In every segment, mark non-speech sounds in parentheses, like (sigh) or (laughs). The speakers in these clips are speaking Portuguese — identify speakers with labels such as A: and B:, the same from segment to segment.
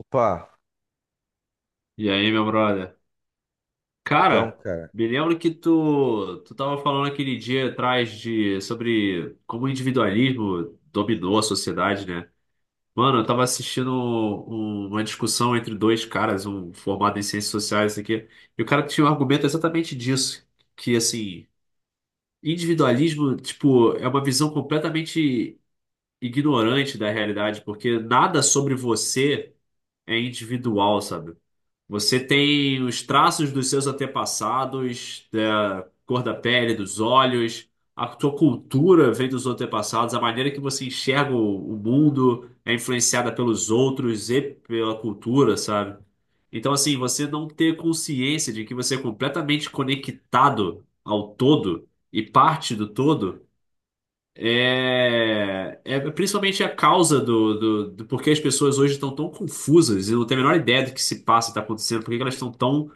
A: Opa,
B: E aí, meu brother?
A: então,
B: Cara,
A: cara.
B: me lembro que tu tava falando aquele dia atrás sobre como o individualismo dominou a sociedade, né? Mano, eu tava assistindo uma discussão entre dois caras, um formado em ciências sociais, isso aqui, e o cara tinha um argumento exatamente disso, que, assim, individualismo, tipo, é uma visão completamente ignorante da realidade, porque nada sobre você é individual, sabe? Você tem os traços dos seus antepassados, da cor da pele, dos olhos, a sua cultura vem dos antepassados, a maneira que você enxerga o mundo é influenciada pelos outros e pela cultura, sabe? Então, assim, você não ter consciência de que você é completamente conectado ao todo e parte do todo é principalmente a causa do porquê as pessoas hoje estão tão confusas e não têm a menor ideia do que se passa e está acontecendo, porque elas estão tão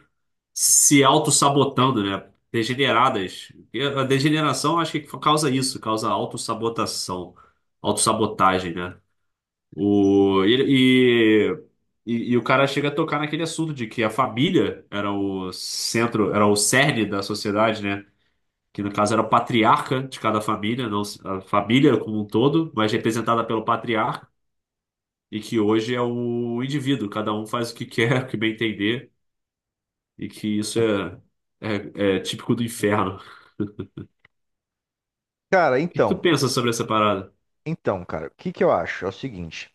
B: se autossabotando, né? Degeneradas. E a degeneração acho que causa isso, causa autossabotação, autossabotagem, né? O, e o cara chega a tocar naquele assunto de que a família era o centro, era o cerne da sociedade, né? Que no caso era o patriarca de cada família, não a família como um todo, mas representada pelo patriarca, e que hoje é o indivíduo, cada um faz o que quer, (laughs) o que bem entender. E que isso é típico do inferno. O
A: Cara,
B: que que tu
A: então,
B: pensa sobre essa parada?
A: cara, o que que eu acho? É o seguinte,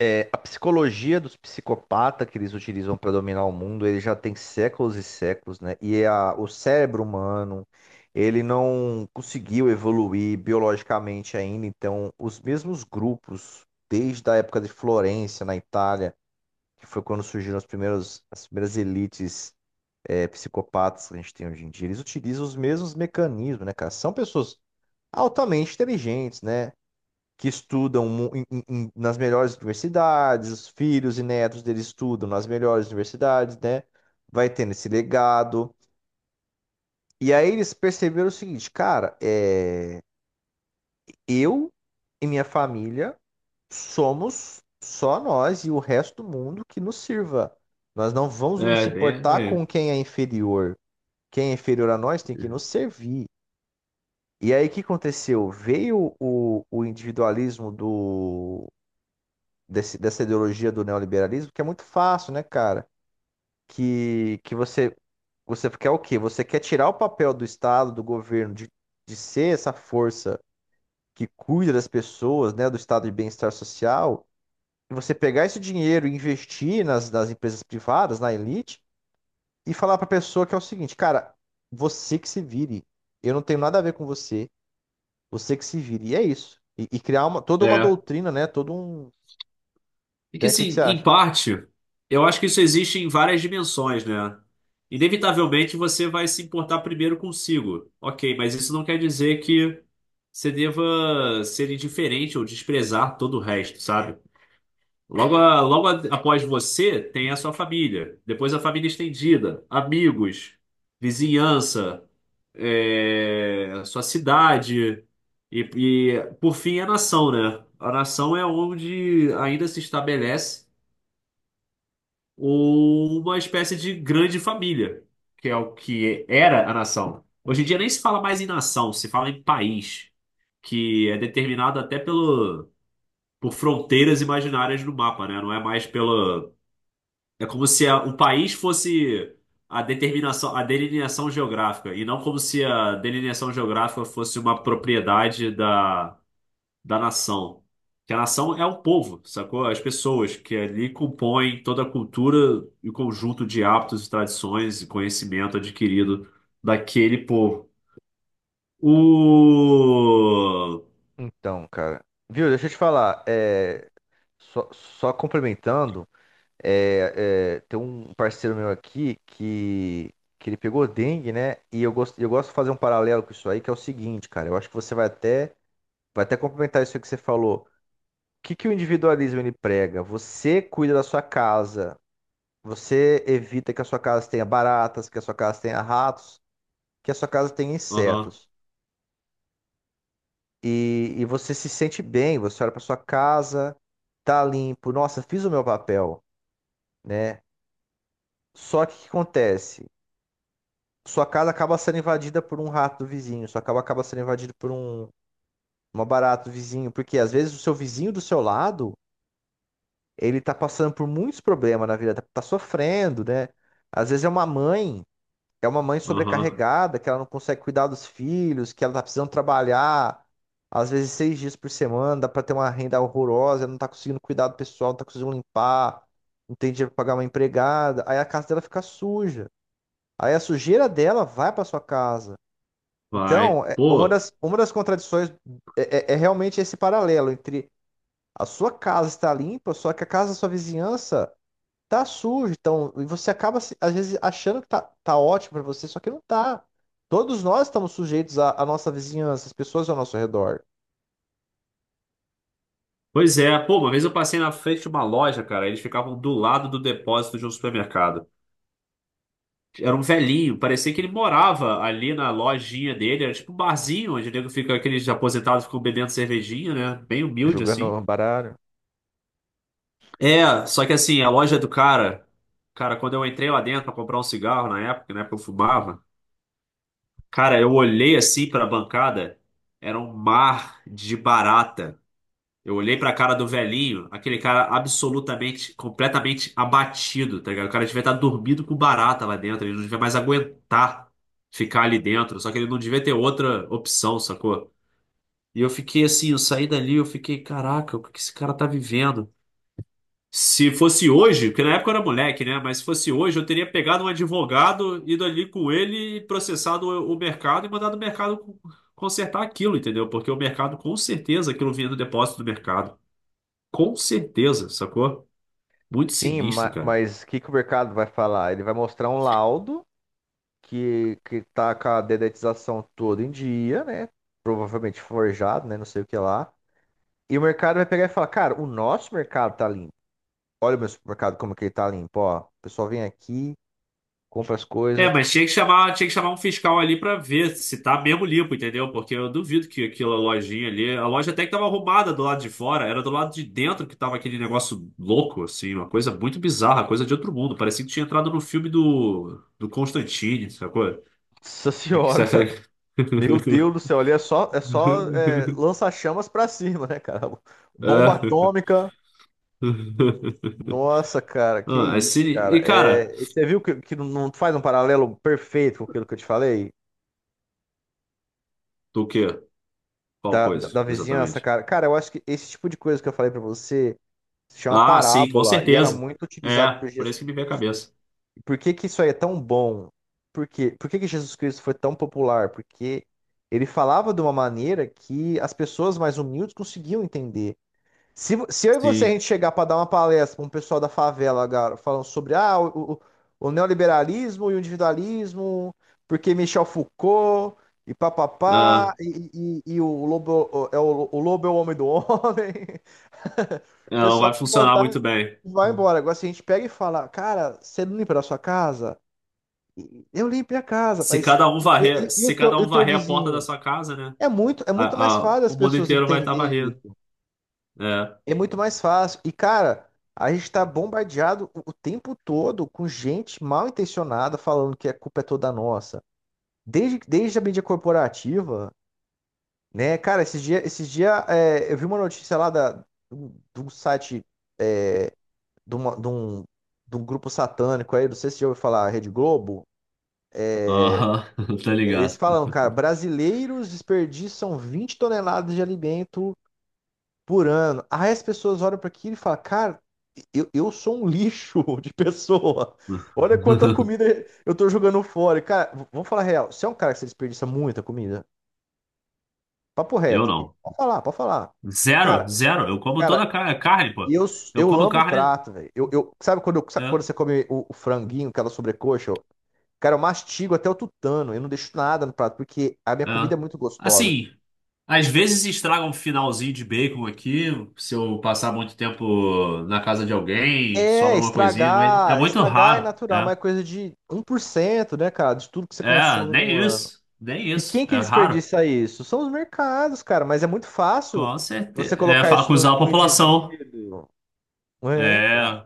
A: a psicologia dos psicopatas que eles utilizam para dominar o mundo, ele já tem séculos e séculos, né? O cérebro humano, ele não conseguiu evoluir biologicamente ainda, então os mesmos grupos, desde a época de Florença, na Itália, que foi quando surgiram as primeiras elites psicopatas que a gente tem hoje em dia, eles utilizam os mesmos mecanismos, né, cara? São pessoas altamente inteligentes, né? Que estudam nas melhores universidades, os filhos e netos deles estudam nas melhores universidades, né? Vai tendo esse legado. E aí eles perceberam o seguinte, cara, eu e minha família somos só nós, e o resto do mundo que nos sirva. Nós não vamos nos
B: É, bem,
A: importar com
B: peraí.
A: quem é inferior. Quem é inferior a nós tem que nos servir. E aí, o que aconteceu? Veio o individualismo dessa ideologia do neoliberalismo, que é muito fácil, né, cara? Que, que você, você quer o quê? Você quer tirar o papel do Estado, do governo, de ser essa força que cuida das pessoas, né, do estado de bem-estar social, e você pegar esse dinheiro e investir nas empresas privadas, na elite, e falar para a pessoa que é o seguinte, cara, você que se vire, eu não tenho nada a ver com você, você que se vire, e é isso. E criar uma, toda uma
B: É.
A: doutrina, né, todo um...
B: E que,
A: Né, o que, que
B: assim,
A: você
B: em
A: acha?
B: parte, eu acho que isso existe em várias dimensões, né? Inevitavelmente você vai se importar primeiro consigo. Ok, mas isso não quer dizer que você deva ser indiferente ou desprezar todo o resto, sabe? Logo, após você, tem a sua família. Depois a família estendida, amigos, vizinhança, sua cidade. E por fim, a nação, né? A nação é onde ainda se estabelece uma espécie de grande família, que é o que era a nação. Hoje em dia nem se fala mais em nação, se fala em país, que é determinado até por fronteiras imaginárias no mapa, né? Não é mais pelo. É como se o país fosse a determinação, a delineação geográfica, e não como se a delineação geográfica fosse uma propriedade da nação. Que a nação é o povo, sacou? As pessoas que ali compõem toda a cultura e o conjunto de hábitos e tradições e conhecimento adquirido daquele povo. O...
A: Então, cara. Viu, deixa eu te falar. É, só complementando, tem um parceiro meu aqui que ele pegou dengue, né? E eu gosto de fazer um paralelo com isso aí, que é o seguinte, cara. Eu acho que você vai até complementar isso aí que você falou. O que que o individualismo ele prega? Você cuida da sua casa, você evita que a sua casa tenha baratas, que a sua casa tenha ratos, que a sua casa tenha
B: Aham,
A: insetos. E você se sente bem, você olha para sua casa, tá limpo, nossa, fiz o meu papel, né? Só que o que acontece? Sua casa acaba sendo invadida por um rato do vizinho, sua casa acaba sendo invadida por uma barata do vizinho, porque às vezes o seu vizinho do seu lado, ele tá passando por muitos problemas na vida, tá sofrendo, né? Às vezes é uma mãe É uma mãe
B: aham,
A: sobrecarregada, que ela não consegue cuidar dos filhos, que ela tá precisando trabalhar, às vezes 6 dias por semana, dá pra ter uma renda horrorosa, ela não tá conseguindo cuidar do pessoal, não tá conseguindo limpar, não tem dinheiro pra pagar uma empregada, aí a casa dela fica suja. Aí a sujeira dela vai pra sua casa.
B: vai.
A: Então,
B: Pô.
A: uma das contradições é realmente esse paralelo entre a sua casa estar limpa, só que a casa da sua vizinhança tá sujo, então, e você acaba às vezes achando que tá ótimo pra você, só que não tá. Todos nós estamos sujeitos à, à nossa vizinhança, as pessoas ao nosso redor.
B: Pois é, pô, uma vez eu passei na frente de uma loja, cara, eles ficavam do lado do depósito de um supermercado. Era um velhinho, parecia que ele morava ali na lojinha dele, era tipo um barzinho onde o nego fica, aqueles aposentados ficam bebendo cervejinha, né? Bem humilde
A: Jogando
B: assim.
A: um baralho.
B: É, só que assim, a loja do cara, cara, quando eu entrei lá dentro pra comprar um cigarro na época, né, que eu fumava, cara, eu olhei assim pra bancada, era um mar de barata. Eu olhei pra cara do velhinho, aquele cara absolutamente, completamente abatido, tá ligado? O cara devia estar dormindo com barata lá dentro, ele não devia mais aguentar ficar ali dentro, só que ele não devia ter outra opção, sacou? E eu fiquei assim, eu saí dali, eu fiquei, caraca, o que que esse cara tá vivendo? Se fosse hoje, porque na época eu era moleque, né? Mas se fosse hoje, eu teria pegado um advogado, ido ali com ele, e processado o mercado e mandado o mercado consertar aquilo, entendeu? Porque o mercado, com certeza, aquilo vinha do depósito do mercado. Com certeza, sacou? Muito
A: Sim,
B: sinistro, cara.
A: mas o que, que o mercado vai falar? Ele vai mostrar um laudo que tá com a dedetização todo em dia, né? Provavelmente forjado, né? Não sei o que lá. E o mercado vai pegar e falar, cara, o nosso mercado tá limpo. Olha o meu supermercado como que ele tá limpo, ó. O pessoal vem aqui, compra as
B: É,
A: coisas.
B: mas tinha que chamar um fiscal ali pra ver se tá mesmo limpo, entendeu? Porque eu duvido que aquela lojinha ali, a loja até que tava arrumada do lado de fora, era do lado de dentro que tava aquele negócio louco, assim, uma coisa muito bizarra, coisa de outro mundo. Parecia que tinha entrado no filme do Constantine, sacou?
A: (laughs) Nossa
B: É que
A: senhora.
B: você-
A: Meu Deus do
B: (laughs)
A: céu, ali é só lança-chamas pra cima, né, cara? (laughs) Bomba
B: É.
A: atômica. Nossa, cara, que
B: Ah, é
A: isso,
B: sini-
A: cara.
B: E, cara,
A: É, e você viu que não não faz um paralelo perfeito com aquilo que eu te falei?
B: do quê? Qual coisa,
A: Da vizinhança,
B: exatamente?
A: cara. Cara, eu acho que esse tipo de coisa que eu falei pra você se chama
B: Ah, sim, com
A: parábola e era
B: certeza.
A: muito
B: É,
A: utilizado por
B: por isso
A: Jesus
B: que me veio a
A: Cristo.
B: cabeça.
A: E por que que isso aí é tão bom? Por quê? Por que que Jesus Cristo foi tão popular? Porque ele falava de uma maneira que as pessoas mais humildes conseguiam entender. Se eu e você a
B: Sim.
A: gente chegar para dar uma palestra para um pessoal da favela, cara, falando sobre o neoliberalismo e o individualismo, porque Michel Foucault e
B: Ah,
A: papapá, e o lobo é o homem do homem, (laughs)
B: é,
A: o
B: não
A: pessoal
B: vai
A: vai
B: funcionar
A: contar
B: muito bem.
A: e vai embora. Agora, se a gente pega e fala, cara, você não limpa da sua casa? Eu limpei a casa,
B: Se
A: mas
B: cada um varrer, se cada
A: e o
B: um
A: teu
B: varrer a porta da
A: vizinho?
B: sua casa, né?
A: É muito
B: a-
A: mais fácil
B: o
A: as
B: mundo
A: pessoas
B: inteiro vai estar
A: entenderem,
B: varrendo. É.
A: é muito mais fácil. E, cara, a gente tá bombardeado o tempo todo com gente mal intencionada falando que a culpa é toda nossa. Desde a mídia corporativa, né? Cara, esses dia, é, eu vi uma notícia lá do site é, de, uma- de um, de um grupo satânico aí, não sei se você já ouviu falar, Rede Globo.
B: Aham, (laughs) tá
A: Eles
B: ligado.
A: falam, cara, brasileiros desperdiçam 20 toneladas de alimento por ano. Aí as pessoas olham para aquilo e falam, cara, eu sou um lixo (laughs) de pessoa. Olha quanta
B: (laughs)
A: comida eu tô jogando fora. E, cara, vamos falar a real. Você é um cara que você desperdiça muita comida? Papo
B: Eu
A: reto aqui.
B: não.
A: Pode falar, pode falar.
B: Zero,
A: Cara,
B: zero. Eu como toda
A: cara,
B: a carne, pô.
A: eu,
B: Eu
A: eu
B: como
A: lambo o
B: carne,
A: prato, velho. Sabe quando, sabe quando
B: é,
A: você come o franguinho, aquela sobrecoxa? Eu- Cara, eu mastigo até o tutano. Eu não deixo nada no prato, porque a minha
B: é.
A: comida é muito gostosa.
B: Assim, às vezes estraga um finalzinho de bacon aqui, se eu passar muito tempo na casa de alguém,
A: É,
B: sobra uma coisinha, mas é muito
A: estragar é
B: raro,
A: natural, mas
B: é.
A: é coisa de 1%, né, cara, de tudo que você
B: É,
A: consome
B: nem
A: no ano.
B: isso, nem
A: E
B: isso,
A: quem que
B: é raro.
A: desperdiça isso? São os mercados, cara, mas é muito fácil
B: Com
A: você
B: certeza.
A: colocar isso
B: Acusar a
A: no
B: população,
A: indivíduo. É,
B: é,
A: cara.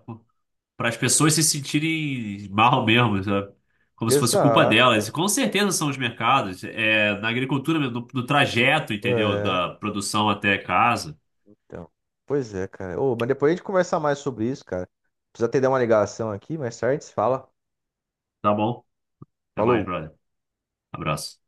B: para as pessoas se sentirem mal mesmo, sabe? Como se fosse culpa
A: Exato,
B: delas. E
A: cara.
B: com certeza são os mercados, é, na agricultura mesmo, no trajeto, entendeu?
A: É,
B: Da produção até casa.
A: então. Pois é, cara. Ô, mas depois a gente conversar mais sobre isso, cara. Precisa ter uma ligação aqui, mais tarde se fala.
B: Tá bom? Até mais,
A: Falou.
B: brother. Abraço.